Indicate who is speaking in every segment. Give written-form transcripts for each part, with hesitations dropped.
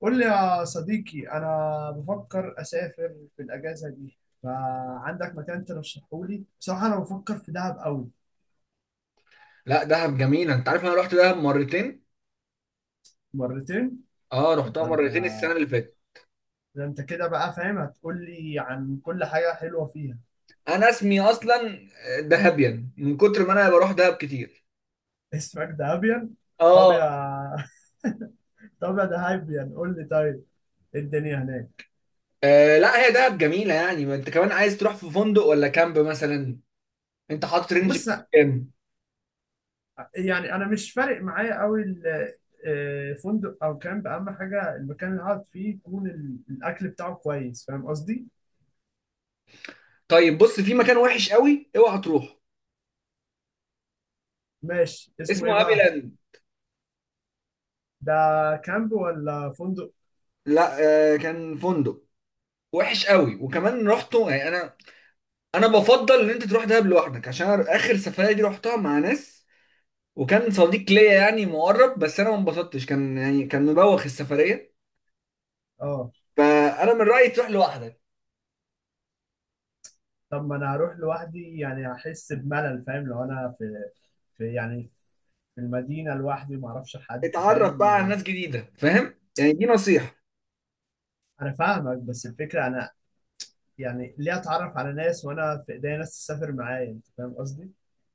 Speaker 1: قول لي يا صديقي، انا بفكر اسافر في الاجازه دي. فعندك مكان ترشحه لي؟ بصراحه انا بفكر في دهب قوي.
Speaker 2: لا، دهب جميلة. انت عارف انا رحت دهب مرتين.
Speaker 1: مرتين؟
Speaker 2: اه،
Speaker 1: طب
Speaker 2: رحتها مرتين السنة اللي فاتت.
Speaker 1: ده انت كده بقى فاهم، هتقول لي عن كل حاجه حلوه فيها.
Speaker 2: انا اسمي اصلا دهبيان من كتر ما انا بروح دهب كتير.
Speaker 1: اسمك دهبيان؟ طب يا
Speaker 2: اه.
Speaker 1: طب يا دهبيان قول لي، طيب إيه الدنيا هناك؟
Speaker 2: لا هي دهب جميلة يعني، ما انت كمان عايز تروح في فندق ولا كامب مثلا. انت حاطط رينج في
Speaker 1: بص،
Speaker 2: كام؟
Speaker 1: يعني انا مش فارق معايا قوي فندق او كامب. اهم حاجه المكان اللي هقعد فيه يكون الاكل بتاعه كويس، فاهم قصدي؟
Speaker 2: طيب بص، في مكان وحش قوي اوعى تروح.
Speaker 1: ماشي، اسمه
Speaker 2: اسمه
Speaker 1: ايه
Speaker 2: هابي
Speaker 1: بقى؟
Speaker 2: لاند.
Speaker 1: ده كامب ولا فندق؟
Speaker 2: لا. كان فندق وحش قوي. وكمان رحته يعني انا بفضل ان انت تروح دهب لوحدك عشان اخر سفرية دي رحتها مع ناس. وكان صديق ليا يعني مقرب، بس انا ما انبسطتش، كان يعني كان مبوخ السفريه.
Speaker 1: اه.
Speaker 2: فانا من رايي تروح لوحدك.
Speaker 1: طب ما انا هروح لوحدي يعني هحس بملل، فاهم؟ لو انا في يعني في المدينه لوحدي ما اعرفش حد،
Speaker 2: اتعرف
Speaker 1: فاهم؟
Speaker 2: بقى على ناس جديده، فاهم؟ يعني دي نصيحه.
Speaker 1: انا فاهمك بس الفكره انا، يعني ليه اتعرف على ناس وانا في ايديا ناس تسافر معايا؟ انت فاهم قصدي؟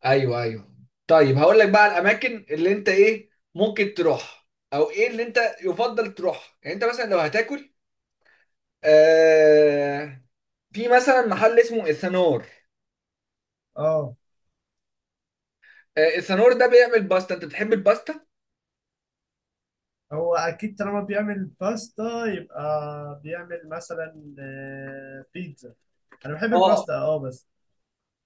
Speaker 2: ايوه، ايوه. طيب هقول لك بقى على الاماكن اللي انت ايه ممكن تروح، او ايه اللي انت يفضل تروح. يعني انت مثلا لو هتاكل، آه في مثلا محل اسمه السنور.
Speaker 1: اه.
Speaker 2: السنور ده بيعمل باستا. انت بتحب الباستا؟
Speaker 1: هو اكيد طالما بيعمل باستا يبقى بيعمل مثلا بيتزا. انا بحب
Speaker 2: اه.
Speaker 1: الباستا، اه بس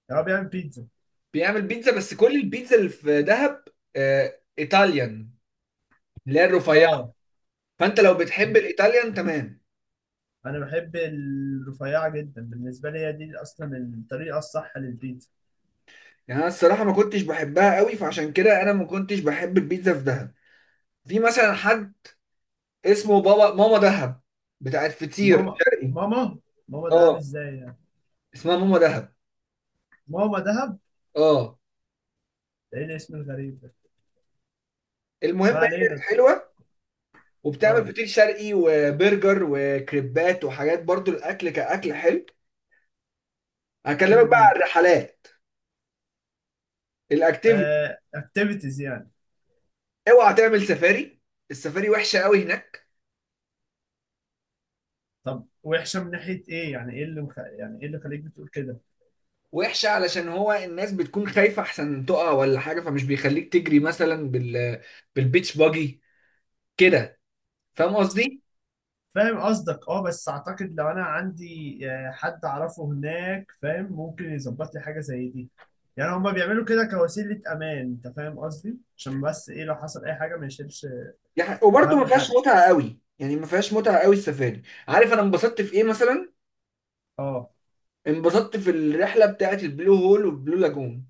Speaker 1: يعني هو بيعمل بيتزا؟
Speaker 2: بيعمل بيتزا، بس كل البيتزا اللي في دهب ايطاليان، اللي هي الرفيعه.
Speaker 1: اه.
Speaker 2: فانت لو بتحب الايطاليان، تمام.
Speaker 1: انا بحب الرفيعه جدا، بالنسبه لي هي دي اصلا الطريقه الصح للبيتزا.
Speaker 2: يعني انا الصراحه ما كنتش بحبها قوي، فعشان كده انا ما كنتش بحب البيتزا في دهب. في مثلا حد اسمه بابا ماما دهب بتاعت فطير
Speaker 1: ماما
Speaker 2: شرقي.
Speaker 1: ماما ماما دهب
Speaker 2: اه،
Speaker 1: ازاي يعني؟
Speaker 2: اسمها ماما دهب.
Speaker 1: ماما دهب؟
Speaker 2: اه،
Speaker 1: ده ايه الاسم الغريب ده؟
Speaker 2: المهم
Speaker 1: ما
Speaker 2: هي كانت
Speaker 1: علينا.
Speaker 2: حلوه وبتعمل
Speaker 1: اه.
Speaker 2: فطير شرقي وبرجر وكريبات وحاجات، برضو الاكل كاكل حلو. هكلمك بقى
Speaker 1: امم
Speaker 2: على الرحلات، الاكتيفيتي.
Speaker 1: اكتيفيتيز يعني؟
Speaker 2: اوعى تعمل سفاري، السفاري وحشه قوي هناك.
Speaker 1: طب وحشه من ناحيه ايه؟ يعني ايه اللي خليك بتقول كده؟
Speaker 2: وحشة علشان هو الناس بتكون خايفة أحسن تقع ولا حاجة، فمش بيخليك تجري مثلا بالبيتش باجي كده. فاهم قصدي؟
Speaker 1: فاهم قصدك، اه بس اعتقد لو انا عندي حد اعرفه هناك فاهم، ممكن يظبط لي حاجه زي دي. يعني هما بيعملوا كده كوسيلة أمان. أنت فاهم قصدي؟ عشان بس إيه، لو حصل أي حاجة ما يشيلش.
Speaker 2: يعني وبرده
Speaker 1: اهم
Speaker 2: ما فيهاش
Speaker 1: حد.
Speaker 2: متعة قوي، يعني ما فيهاش متعة قوي السفاري. عارف أنا انبسطت في إيه مثلا؟
Speaker 1: اه،
Speaker 2: انبسطت في الرحلة بتاعة البلو هول والبلو لاجون.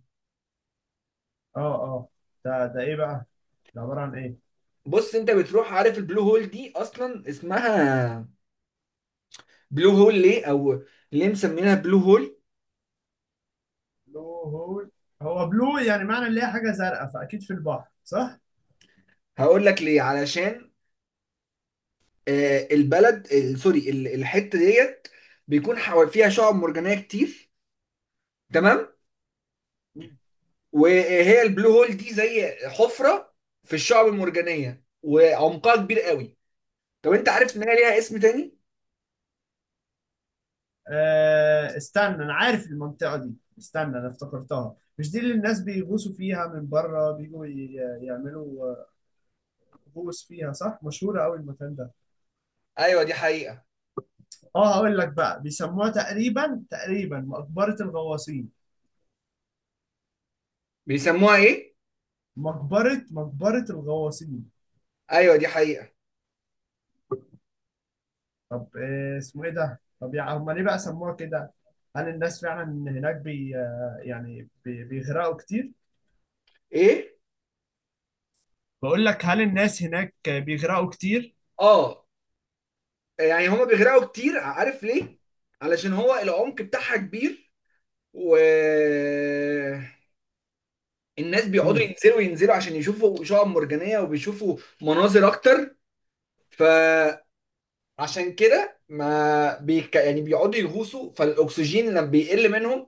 Speaker 1: اه. اه. ده ايه بقى؟ ده عباره عن ايه؟
Speaker 2: بص، أنت بتروح، عارف البلو هول دي أصلا اسمها بلو هول ليه؟ أو ليه مسمينها بلو هول؟
Speaker 1: بلو هول. هو بلو يعني معنى اللي هي حاجه زرقاء، فاكيد في البحر صح؟
Speaker 2: هقول لك ليه. علشان سوري، الحتة ديت بيكون فيها شعاب مرجانية كتير. تمام.
Speaker 1: مم.
Speaker 2: وهي البلو هول دي زي حفره في الشعب المرجانيه وعمقها كبير قوي. طب انت عارف ان هي ليها اسم تاني؟
Speaker 1: استنى، انا عارف المنطقه دي، استنى انا افتكرتها. مش دي اللي الناس بيغوصوا فيها من بره بيجوا يعملوا غوص فيها صح؟ مشهوره قوي المكان ده.
Speaker 2: ايوه، دي حقيقه.
Speaker 1: اه. هقول لك بقى بيسموها تقريبا تقريبا مقبره الغواصين.
Speaker 2: بيسموها ايه؟
Speaker 1: مقبره مقبره الغواصين.
Speaker 2: ايوه، دي حقيقه.
Speaker 1: طب إيه اسمه ايه ده؟ طب يعني هم ليه بقى سموها كده؟ هل الناس فعلا هناك بي آه، يعني بي بيغرقوا كتير؟
Speaker 2: ايه؟
Speaker 1: بقول لك هل الناس هناك بيغرقوا كتير؟
Speaker 2: اه. يعني هما بيغرقوا كتير، عارف ليه؟ علشان هو العمق بتاعها كبير، و الناس بيقعدوا
Speaker 1: امم.
Speaker 2: ينزلوا ينزلوا عشان يشوفوا شعاب مرجانيه وبيشوفوا مناظر اكتر. فعشان كده ما بيك... يعني بيقعدوا يغوصوا، فالاكسجين لما بيقل منهم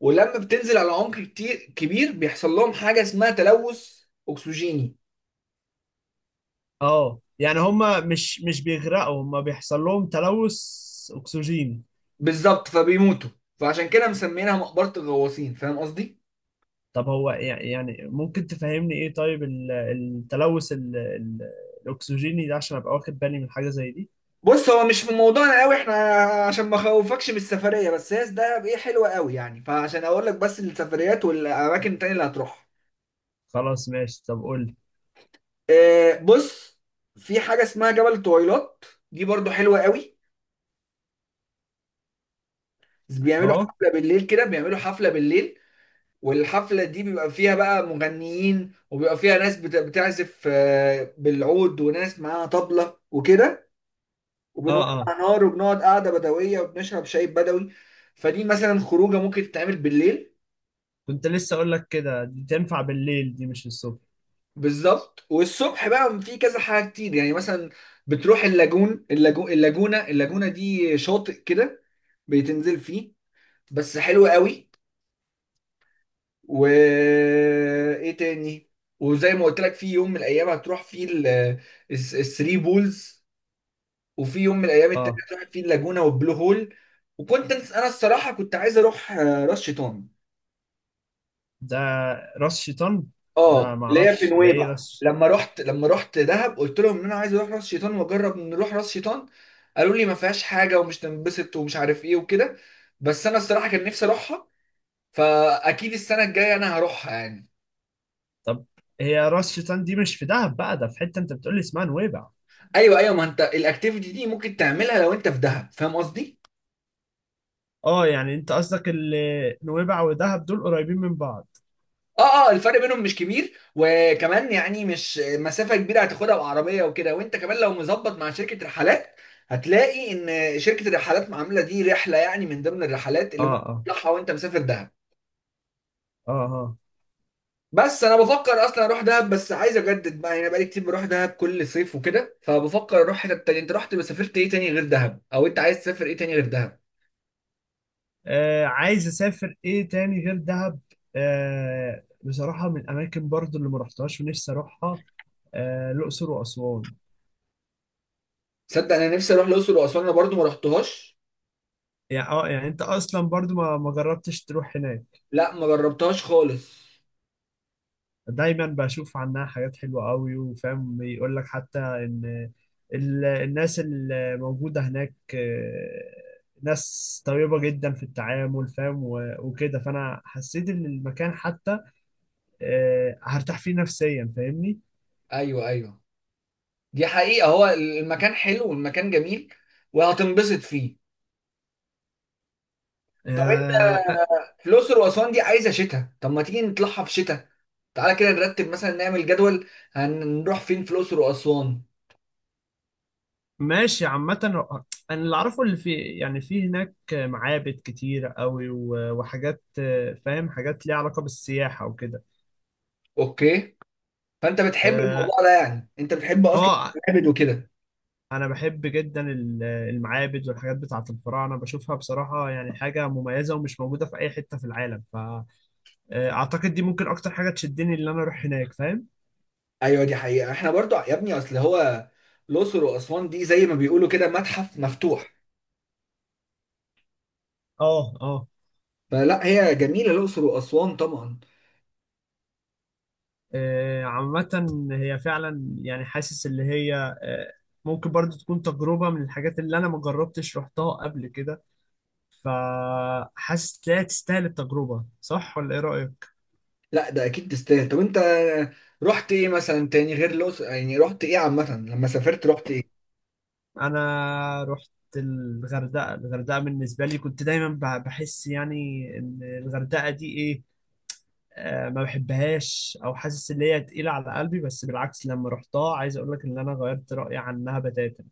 Speaker 2: ولما بتنزل على عمق كتير كبير بيحصل لهم حاجه اسمها تلوث اكسجيني.
Speaker 1: اه، يعني هم مش بيغرقوا، هم بيحصل لهم تلوث اكسجين.
Speaker 2: بالظبط، فبيموتوا. فعشان كده مسمينها مقبره الغواصين، فاهم قصدي؟
Speaker 1: طب هو يعني ممكن تفهمني ايه طيب التلوث الاكسجيني ده، عشان ابقى واخد بالي من حاجة زي دي؟
Speaker 2: بص، هو مش في موضوعنا قوي احنا عشان ما اخوفكش من السفريه، بس هي ده ايه حلوه قوي يعني. فعشان اقول لك بس السفريات والاماكن التانيه اللي هتروحها،
Speaker 1: خلاص ماشي، طب قول لي.
Speaker 2: بص، في حاجه اسمها جبل طويلات. دي برضو حلوه قوي. بيعملوا
Speaker 1: اهو.
Speaker 2: حفله بالليل كده، بيعملوا حفله بالليل. والحفلة دي بيبقى فيها بقى مغنيين، وبيبقى فيها ناس بتعزف بالعود، وناس معاها طبلة وكده.
Speaker 1: اه،
Speaker 2: وبنولع
Speaker 1: اه.
Speaker 2: نار وبنقعد قعدة بدوية وبنشرب شاي بدوي. فدي مثلا خروجة ممكن تتعمل بالليل.
Speaker 1: كنت لسه اقول لك كده، دي تنفع بالليل دي مش الصبح.
Speaker 2: بالظبط. والصبح بقى في كذا حاجة كتير، يعني مثلا بتروح اللاجونة دي شاطئ كده بتنزل فيه، بس حلو قوي. وايه تاني؟ وزي ما قلت لك، في يوم من الايام هتروح فيه الثري بولز، وفي يوم من الايام التانية
Speaker 1: اه.
Speaker 2: هتروح فيه اللاجونة والبلو هول. وكنت انا الصراحة كنت عايز اروح راس شيطان،
Speaker 1: ده راس شيطان؟
Speaker 2: اه،
Speaker 1: ده
Speaker 2: اللي هي في
Speaker 1: معرفش ده ايه
Speaker 2: نويبع.
Speaker 1: راس.
Speaker 2: لما رحت دهب قلت لهم ان انا عايز اروح راس شيطان، واجرب نروح راس شيطان. قالوا لي ما فيهاش حاجة ومش تنبسط ومش عارف ايه وكده. بس انا الصراحة كان نفسي اروحها. فاكيد السنة الجاية انا هروحها يعني.
Speaker 1: طب هي راس شيطان دي مش في دهب بقى، ده في حتة انت بتقولي اسمها نويبع.
Speaker 2: ايوه، ايوه، ما انت الاكتيفيتي دي ممكن تعملها لو انت في دهب، فاهم قصدي.
Speaker 1: اه، يعني انت قصدك نويبع ودهب دول قريبين من بعض؟
Speaker 2: اه، اه، الفرق بينهم مش كبير، وكمان يعني مش مسافه كبيره هتاخدها بعربيه وكده. وانت كمان لو مظبط مع شركه رحلات، هتلاقي ان شركه الرحلات عامله دي رحله، يعني من ضمن الرحلات اللي
Speaker 1: اه،
Speaker 2: ممكن
Speaker 1: اه،
Speaker 2: تطلعها وانت مسافر دهب.
Speaker 1: اه، اه.
Speaker 2: بس انا بفكر اصلا اروح دهب، بس عايز اجدد بقى. يعني بقالي كتير بروح دهب كل صيف وكده، فبفكر اروح حته تانية. انت رحت سافرت ايه تاني غير دهب، او انت عايز تسافر ايه تاني غير دهب؟
Speaker 1: عايز اسافر ايه تاني غير دهب؟ بصراحة من الاماكن برضو اللي ما رحتهاش ونفسي اروحها، الاقصر واسوان.
Speaker 2: صدق، انا نفسي اروح الاقصر واسوان، انا برضو ما رحتهاش.
Speaker 1: يعني اه، يعني انت اصلا برضو ما جربتش تروح هناك؟
Speaker 2: لا، ما جربتهاش خالص.
Speaker 1: دايما بشوف عنها حاجات حلوة قوي، وفاهم بيقول لك حتى ان الناس اللي موجودة هناك ناس طيبة جدا في التعامل، فاهم؟ وكده فانا حسيت ان المكان حتى هرتاح فيه نفسيا، فاهمني؟
Speaker 2: ايوه، ايوه، دي حقيقة. هو المكان حلو والمكان جميل وهتنبسط فيه. طب انت،
Speaker 1: آه،
Speaker 2: في الاقصر واسوان دي عايزة شتاء، طب ما تيجي نطلعها في شتاء. تعالى كده نرتب، مثلا نعمل جدول هنروح فين في الاقصر واسوان.
Speaker 1: ماشي، عامة انا اللي اعرفه، اللي في يعني في هناك معابد كتير قوي، وحاجات فاهم؟ حاجات ليها علاقة بالسياحة وكده.
Speaker 2: اوكي. فانت بتحب الموضوع ده؟ يعني انت بتحب اصلا
Speaker 1: اه.
Speaker 2: المعابد وكده؟
Speaker 1: انا بحب جدا المعابد والحاجات بتاعه الفراعنه، بشوفها بصراحه يعني حاجه مميزه ومش موجوده في اي حته في العالم. فاعتقد دي ممكن اكتر حاجه تشدني ان انا اروح هناك، فاهم؟
Speaker 2: ايوه، دي حقيقة. احنا برضو يا ابني اصل هو الاقصر واسوان دي زي ما بيقولوا كده متحف مفتوح.
Speaker 1: اه، اه.
Speaker 2: فلا، هي جميلة الاقصر واسوان طبعا.
Speaker 1: عامه هي فعلا يعني حاسس اللي هي آه، ممكن برضو تكون تجربه من الحاجات اللي انا ما جربتش رحتها قبل كده. فحاسس لا، تستاهل التجربه، صح ولا ايه رايك؟
Speaker 2: لا، ده اكيد تستاهل. طب انت رحت ايه مثلا تاني غير الاقصر؟ يعني رحت ايه عامه لما سافرت، رحت ايه؟
Speaker 1: انا رحت الغردقه. الغردقه بالنسبه لي كنت دايما بحس يعني ان الغردقه دي ايه، ما بحبهاش او حاسس ان هي تقيله على قلبي. بس بالعكس لما رحتها عايز اقول لك ان انا غيرت رايي عنها بتاتا.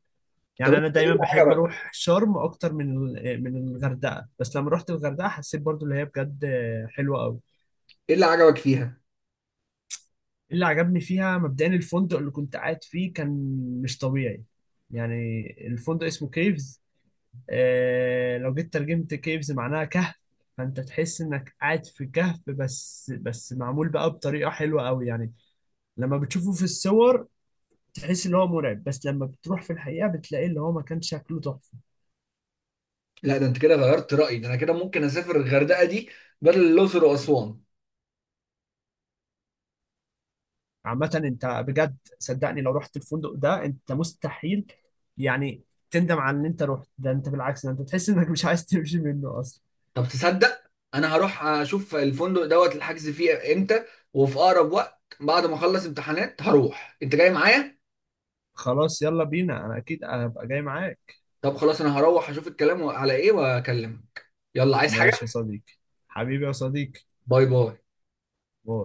Speaker 2: طب
Speaker 1: يعني انا
Speaker 2: انت ايه
Speaker 1: دايما
Speaker 2: اللي
Speaker 1: بحب
Speaker 2: عجبك،
Speaker 1: اروح شرم اكتر من من الغردقه، بس لما رحت الغردقه حسيت برضو ان هي بجد حلوه قوي.
Speaker 2: ايه اللي عجبك فيها؟
Speaker 1: اللي عجبني فيها مبدئيا الفندق اللي كنت قاعد فيه، كان مش طبيعي يعني. الفندق اسمه كيفز، لو جيت ترجمت كيفز معناها كهف. فانت تحس انك قاعد في كهف، بس معمول بقى بطريقة حلوة قوي، يعني لما بتشوفه في الصور تحس ان هو مرعب، بس لما بتروح في الحقيقة بتلاقي اللي هو مكان شكله تحفة.
Speaker 2: لا، ده انت كده غيرت رايي، ده انا كده ممكن اسافر الغردقه دي بدل الاقصر واسوان.
Speaker 1: عامة انت بجد صدقني، لو رحت الفندق ده انت مستحيل يعني تندم على ان انت رحت، ده انت بالعكس، ده انت تحس انك مش عايز تمشي منه اصلا.
Speaker 2: طب تصدق، انا هروح اشوف الفندق دوت الحجز فيه امتى، وفي اقرب وقت بعد ما اخلص امتحانات هروح. انت جاي معايا؟
Speaker 1: خلاص يلا بينا، انا اكيد هبقى جاي معاك.
Speaker 2: طب خلاص، انا هروح اشوف الكلام على ايه واكلمك. يلا، عايز حاجه؟
Speaker 1: ماشي يا صديقي، حبيبي يا صديقي.
Speaker 2: باي باي.
Speaker 1: باي.